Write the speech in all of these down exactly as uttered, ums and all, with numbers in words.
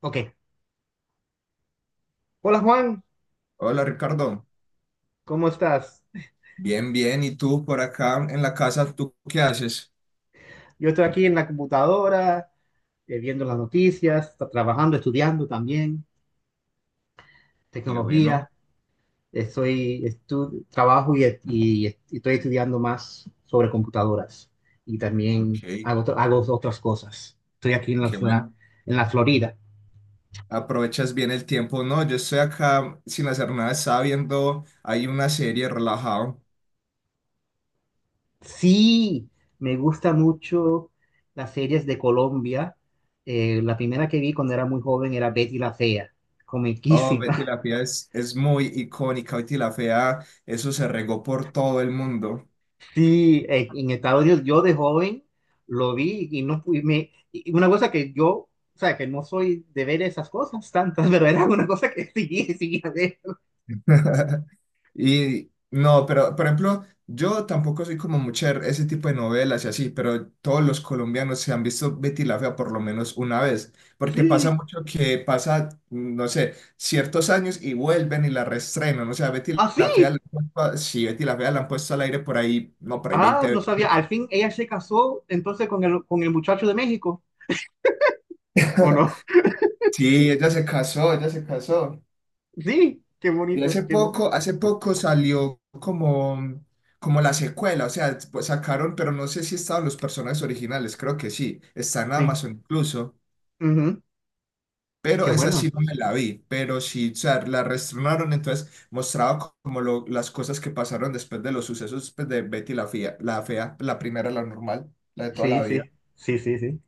Ok. Hola Juan, Hola Ricardo, ¿cómo estás? bien, bien. ¿Y tú por acá en la casa, tú qué haces? Yo estoy aquí en la computadora, eh, viendo las noticias, tra- trabajando, estudiando también, Qué bueno, tecnología. Eh, Soy estu- trabajo y, y- y estoy estudiando más sobre computadoras y también ok, hago, otro- hago otras cosas. Estoy aquí en la, qué la- bueno. en la Florida. Aprovechas bien el tiempo. No, yo estoy acá sin hacer nada, estaba viendo, hay una serie relajado. Sí, me gusta mucho las series de Colombia. Eh, la primera que vi cuando era muy joven era Betty la Fea, Oh, Betty comiquísima. la Fea es, es muy icónica, Betty la Fea, eso se regó por todo el mundo. Sí, eh, en Estados Unidos yo de joven lo vi y no pude, me, y una cosa que yo, o sea, que no soy de ver esas cosas tantas, pero era una cosa que seguía, seguía ver. Y no, pero por ejemplo, yo tampoco soy como mucho de ese tipo de novelas y así, pero todos los colombianos se han visto Betty la Fea por lo menos una vez, porque pasa Sí, mucho que pasa, no sé, ciertos años y vuelven y la reestrenan, o sea, Betty la Fea, la así. han puesto a- sí, Betty la Fea la han puesto al aire por ahí, no, por ahí Ah, veinte no veces. sabía. Al fin ella se casó entonces con el, con el muchacho de México, ¿o no? Sí, ella se casó, ella se casó. Sí, qué Y bonito, hace qué bonito. poco, hace poco salió como, como la secuela, o sea, pues sacaron, pero no sé si estaban los personajes originales, creo que sí, está en Sí, Amazon incluso, ujú, qué pero esa sí bueno. no me la vi, pero sí, o sea, la reestrenaron, entonces mostraba co- como lo- las cosas que pasaron después de los sucesos pues, de Betty la Fea, la fea, la primera, la normal, la de toda Sí, la vida. sí, sí, sí, sí.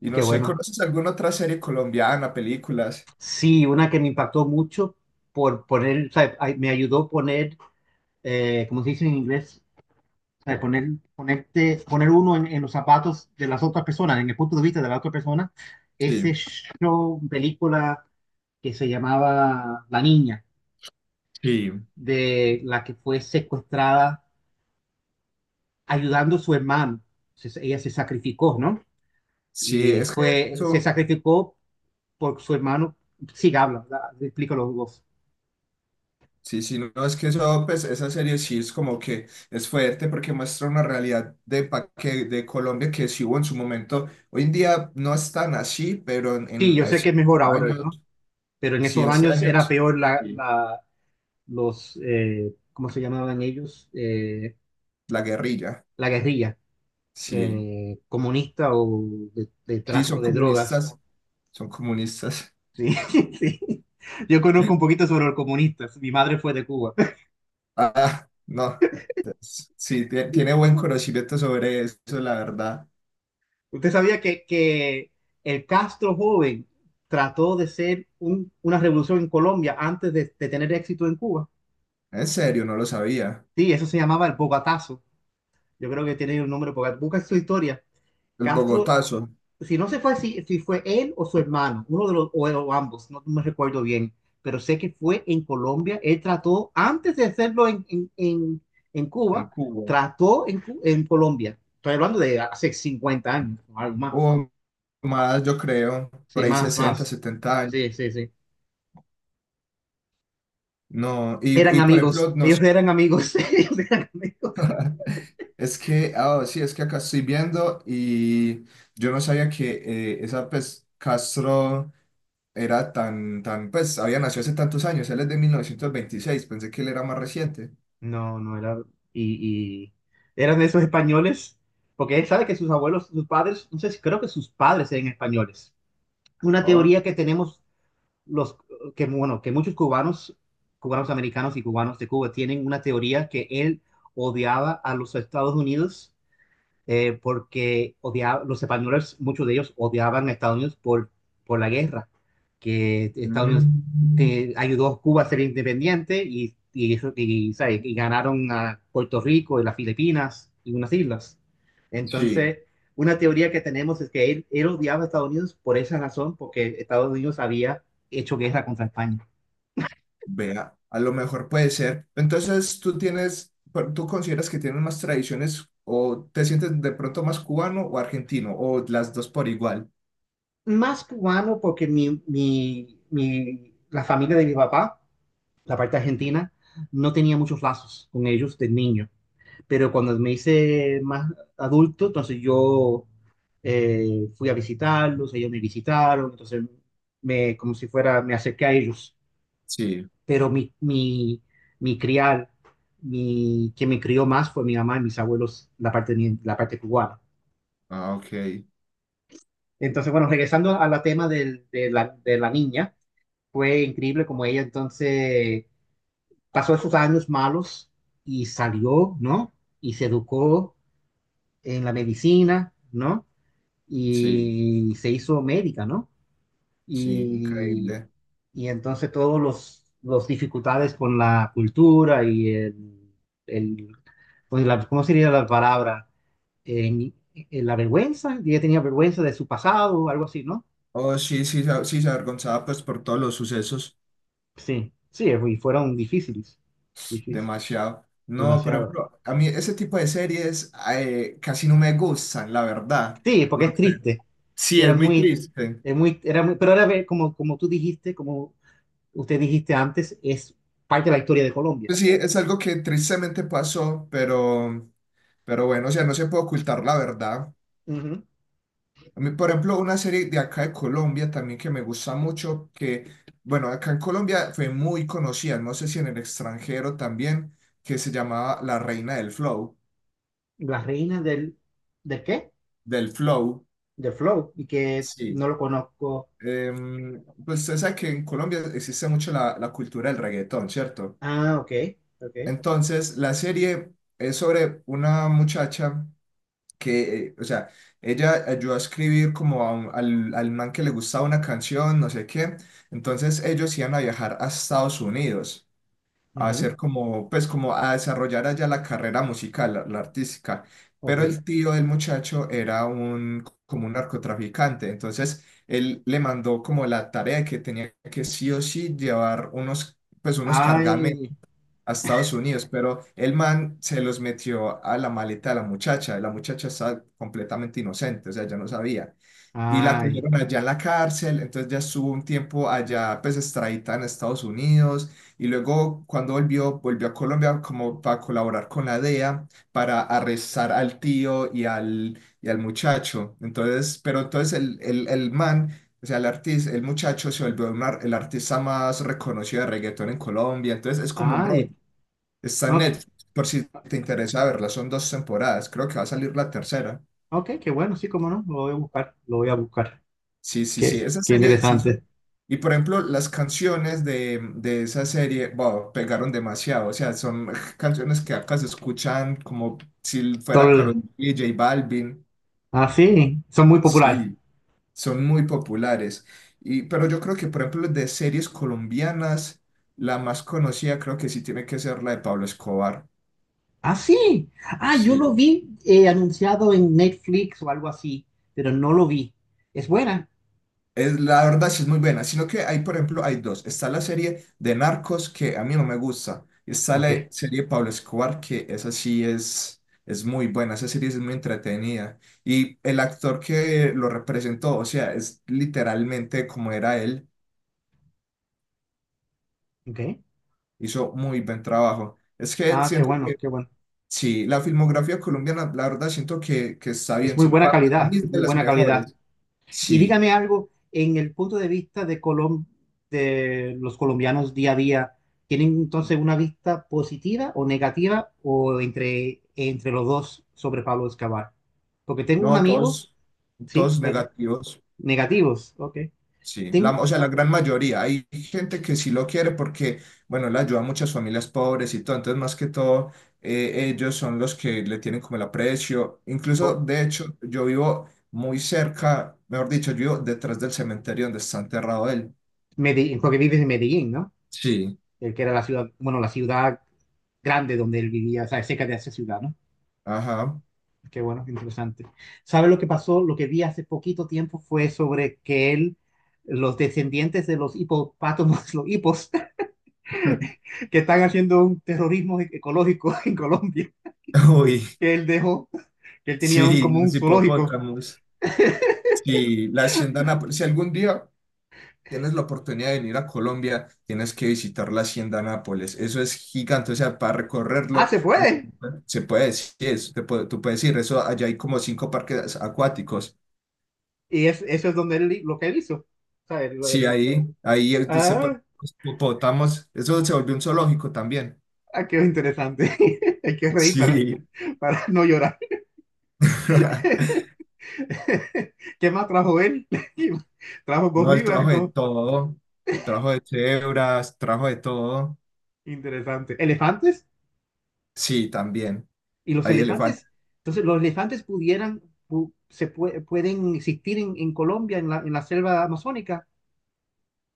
Y Qué no sé, bueno. ¿conoces alguna otra serie colombiana, películas? Sí, una que me impactó mucho por poner, o sea, ay- me ayudó a poner, eh, ¿cómo se dice en inglés? O sea, poner, ponerte, poner uno en, en los zapatos de las otras personas, en el punto de vista de la otra persona, ese Sí, show, película que se llamaba La Niña, sí. de la que fue secuestrada ayudando a su hermano. Se- ella se sacrificó, ¿no? Sí, Y es que fue, Se eso sacrificó por su hermano. Sí, habla, la- explica los dos. Sí, sí, no, es que eso, pues, esa serie sí es como que es fuerte porque muestra una realidad de, pa- que, de Colombia que sí hubo en su momento. Hoy en día no es tan así, pero en, Sí, en yo sé hace que es mejor ahora, años, ¿no? Pero en sí, esos hace años años, era peor la, sí, la- los, eh, ¿cómo se llamaban ellos? Eh, la guerrilla, La guerrilla. sí, Eh, comunista o de, de sí, son tráfico de drogas. comunistas, son comunistas. Sí, sí. Yo conozco un poquito sobre los comunistas. Mi madre fue de Cuba. Ah, no, es- sí, tie- tiene buen conocimiento sobre eso, la verdad. ¿Usted sabía que, que el Castro joven trató de ser un- una revolución en Colombia antes de, de tener éxito en Cuba? En serio, no lo sabía. Sí, eso se llamaba el Bogotazo. Yo creo que tiene el nombre Bogotazo. Busca su historia. El Castro Bogotazo si no se fue si, si fue él o su hermano, uno de los, o, o ambos, no me recuerdo bien, pero sé que fue en Colombia, él trató, antes de hacerlo en, en, en, en en Cuba, Cuba. trató en, en Colombia. Estoy hablando de hace cincuenta años, o algo más. O más, yo creo, Sí, por ahí más, sesenta más. setenta años. Sí, sí, sí. No, y, Eran y por amigos, ejemplo, no, sé, ellos eran amigos, ellos eran amigos. es que, ah, sí, es que acá estoy viendo y yo no sabía que eh, esa, pues, Castro era tan, tan, pues, había nacido hace tantos años, él es de mil novecientos veintiséis, pensé que él era más reciente. No, no era. Y, y eran de esos españoles, porque él sabe que sus abuelos, sus padres, no sé si creo que sus padres eran españoles. Una Oh. teoría que tenemos los que bueno, que muchos cubanos, cubanos americanos y cubanos de Cuba tienen una teoría que él odiaba a los Estados Unidos eh, porque odiaba, los españoles, muchos de ellos odiaban a Estados Unidos por, por la guerra, que Estados Unidos Mm. te- ayudó a Cuba a ser independiente y, y, eso- y, ¿sabes? Y ganaron a Puerto Rico y las Filipinas y unas islas. Sí. Entonces, una teoría que tenemos es que él, él odiaba a Estados Unidos por esa razón, porque Estados Unidos había hecho guerra contra España. Vea, a lo mejor puede ser. Entonces, tú tienes, pero tú consideras que tienes más tradiciones o te sientes de pronto más cubano o argentino o las dos por igual. Más cubano porque mi, mi, mi- la familia de mi papá la parte argentina, no tenía muchos lazos con ellos de niño. Pero cuando me hice más adulto, entonces yo eh, fui a visitarlos, ellos me visitaron, entonces me, como si fuera, me acerqué a ellos. Sí, Pero mi, mi, mi criar, mi, quien me crió más fue mi mamá y mis abuelos, la parte, la parte cubana. ah, ok, Entonces, bueno, regresando al tema del- de, la, de la niña, fue increíble como ella entonces pasó esos años malos y salió, ¿no? Y se educó en la medicina, ¿no? sí, Y se hizo médica, ¿no? sí, Y, increíble. y entonces todos los, los dificultades con la cultura y el, el pues la- ¿cómo sería la palabra? En- en la vergüenza, ella tenía vergüenza de su pasado, algo así, ¿no? Oh, sí, sí, sa- sí, se avergonzaba pues por todos los sucesos, Sí, sí, y fueron difíciles, difíciles, demasiado. No, por demasiado. ejemplo, a mí ese tipo de series eh, casi no me gustan, la verdad. Sí, No porque es sé. triste. Sí, Era es muy muy, triste. es muy, era muy- Pero ahora ve, como, como tú dijiste, como usted dijiste antes, es parte de la historia de Colombia. Pues sí, es algo que tristemente pasó, pero... Pero bueno, o sea, no se puede ocultar la verdad. Ujú. A mí, por ejemplo, una serie de acá de Colombia también que me gusta mucho, que, bueno, acá en Colombia fue muy conocida, no sé si en el extranjero también, que se llamaba La Reina del Flow, La reina del, ¿del qué? del Flow. Del flow, y que Sí. no lo conozco. Em, pues usted sabe que en Colombia existe mucho la, la cultura del reggaetón, ¿cierto? Ah, ok, ok, Entonces, la serie es sobre una muchacha que, eh, o sea, ella ayudó a escribir como a un- al, al man que le gustaba una canción, no sé qué. Entonces ellos iban a viajar a Estados Unidos a ujú, hacer como, pues como a desarrollar allá la carrera musical, la, la artística. Pero ok. el tío del muchacho era un, como un narcotraficante. Entonces él le mandó como la tarea de que tenía que sí o sí llevar unos, pues unos cargamentos Ay, a Estados Unidos, pero el man se los metió a la maleta de la muchacha. La muchacha estaba completamente inocente, o sea, ya no sabía. Y la ay, cogieron allá en la cárcel, entonces ya estuvo un tiempo allá, pues extradita en Estados Unidos. Y luego, cuando volvió, volvió a Colombia como para colaborar con la D E A para arrestar al tío y al, y al muchacho. Entonces, pero entonces el, el, el man. O sea, el artista, el muchacho se volvió un ar- el artista más reconocido de reggaetón en Colombia. Entonces es como un rollo. ay, Está en ok, Netflix, por si te interesa verla. Son dos temporadas, creo que va a salir la tercera. ok, qué bueno, sí, cómo no, lo voy a buscar, lo voy a buscar. Sí, sí, Qué, sí, esa qué serie sí interesante. son- Y por ejemplo, las canciones de, de esa serie, wow, pegaron demasiado. O sea, son canciones que acá se escuchan como si fuera Karol Tol, G, J Balvin. ah, sí, son muy populares. Sí, son muy populares. Y, pero yo creo que, por ejemplo, de series colombianas, la más conocida creo que sí tiene que ser la de Pablo Escobar. Ah, sí. Ah, yo Sí. lo vi eh, anunciado en Netflix o algo así, pero no lo vi. Es buena. Es, la verdad sí es muy buena, sino que hay, por ejemplo, hay dos. Está la serie de Narcos que a mí no me gusta. Y está Ok, la serie de Pablo Escobar que esa sí es, es muy buena, esa serie sí es muy entretenida. Y el actor que lo representó, o sea, es literalmente como era él, ok. hizo muy buen trabajo. Es que Ah, qué siento bueno, que, qué bueno. sí, la filmografía colombiana, la verdad siento que, que está Es bien, muy si- buena para calidad, mí es es de muy las buena calidad. mejores. Y Sí, dígame algo, en el punto de vista de Colom de los colombianos día a día, ¿tienen entonces una vista positiva o negativa o entre, entre los dos sobre Pablo Escobar? Porque tengo un no, amigo, todos, sí, todos pero- negativos. negativos, ok. Sí, la, Ten- o sea, la gran mayoría. Hay gente que sí lo quiere porque, bueno, le ayuda a muchas familias pobres y todo. Entonces, más que todo, eh, ellos son los que le tienen como el aprecio. Incluso, po- de hecho, yo vivo muy cerca, mejor dicho, yo vivo detrás del cementerio donde está enterrado él. Medi- porque vives en Medellín, ¿no? Sí, El que era la ciudad, bueno, la ciudad grande donde él vivía, o sea, cerca de esa ciudad, ¿no? ajá. Qué bueno, qué interesante. ¿Sabe lo que pasó? Lo que vi hace poquito tiempo fue sobre que él, los descendientes de los hipopátomos, los hipos, que están haciendo un terrorismo ecológico en Colombia, Uy, que él dejó, que él tenía un, sí, como un los zoológico. hipopótamos. Sí, la hacienda Nápoles. Si algún día tienes la oportunidad de venir a Colombia, tienes que visitar la Hacienda Nápoles. Eso es gigante, o sea, para Ah, recorrerlo, se puede. se puede decir, eso, te puede- tú puedes ir, eso, allá hay como cinco parques acuáticos. Y es, eso es donde él, lo que él hizo. O sea, el- Sí, el- ahí, ahí es donde se ah, hipopótamos, eso se volvió un zoológico también. ah, qué interesante. Hay que reír para, Sí. para no llorar. ¿Qué más trajo él? Trajo No, el gorilas, trajo de go- todo, trajo de cebras, trajo de todo. Interesante. ¿Elefantes? Sí, también. ¿Y los Hay elefantes. elefantes? Entonces, los elefantes pudieran, pu- se pue- pueden existir en, en Colombia, en la, en la selva amazónica,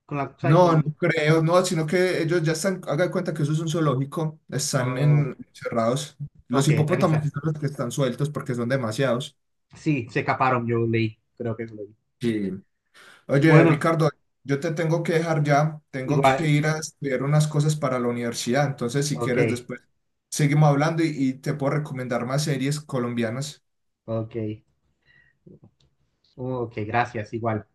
con la, ¿sabes? No, no Con, creo, no, sino que ellos ya están, haga de cuenta que eso es un zoológico, están Ah, en, encerrados. Los ok, están hipopótamos sí esas. son los que están sueltos porque son demasiados. Sí, se escaparon, yo leí, creo que lo leí. Sí. Oye, Bueno, Ricardo, yo te tengo que dejar ya, tengo que igual, ir a estudiar unas cosas para la universidad, entonces si ok, quieres después seguimos hablando y, y te puedo recomendar más series colombianas. ok, Oh, ok, gracias, igual.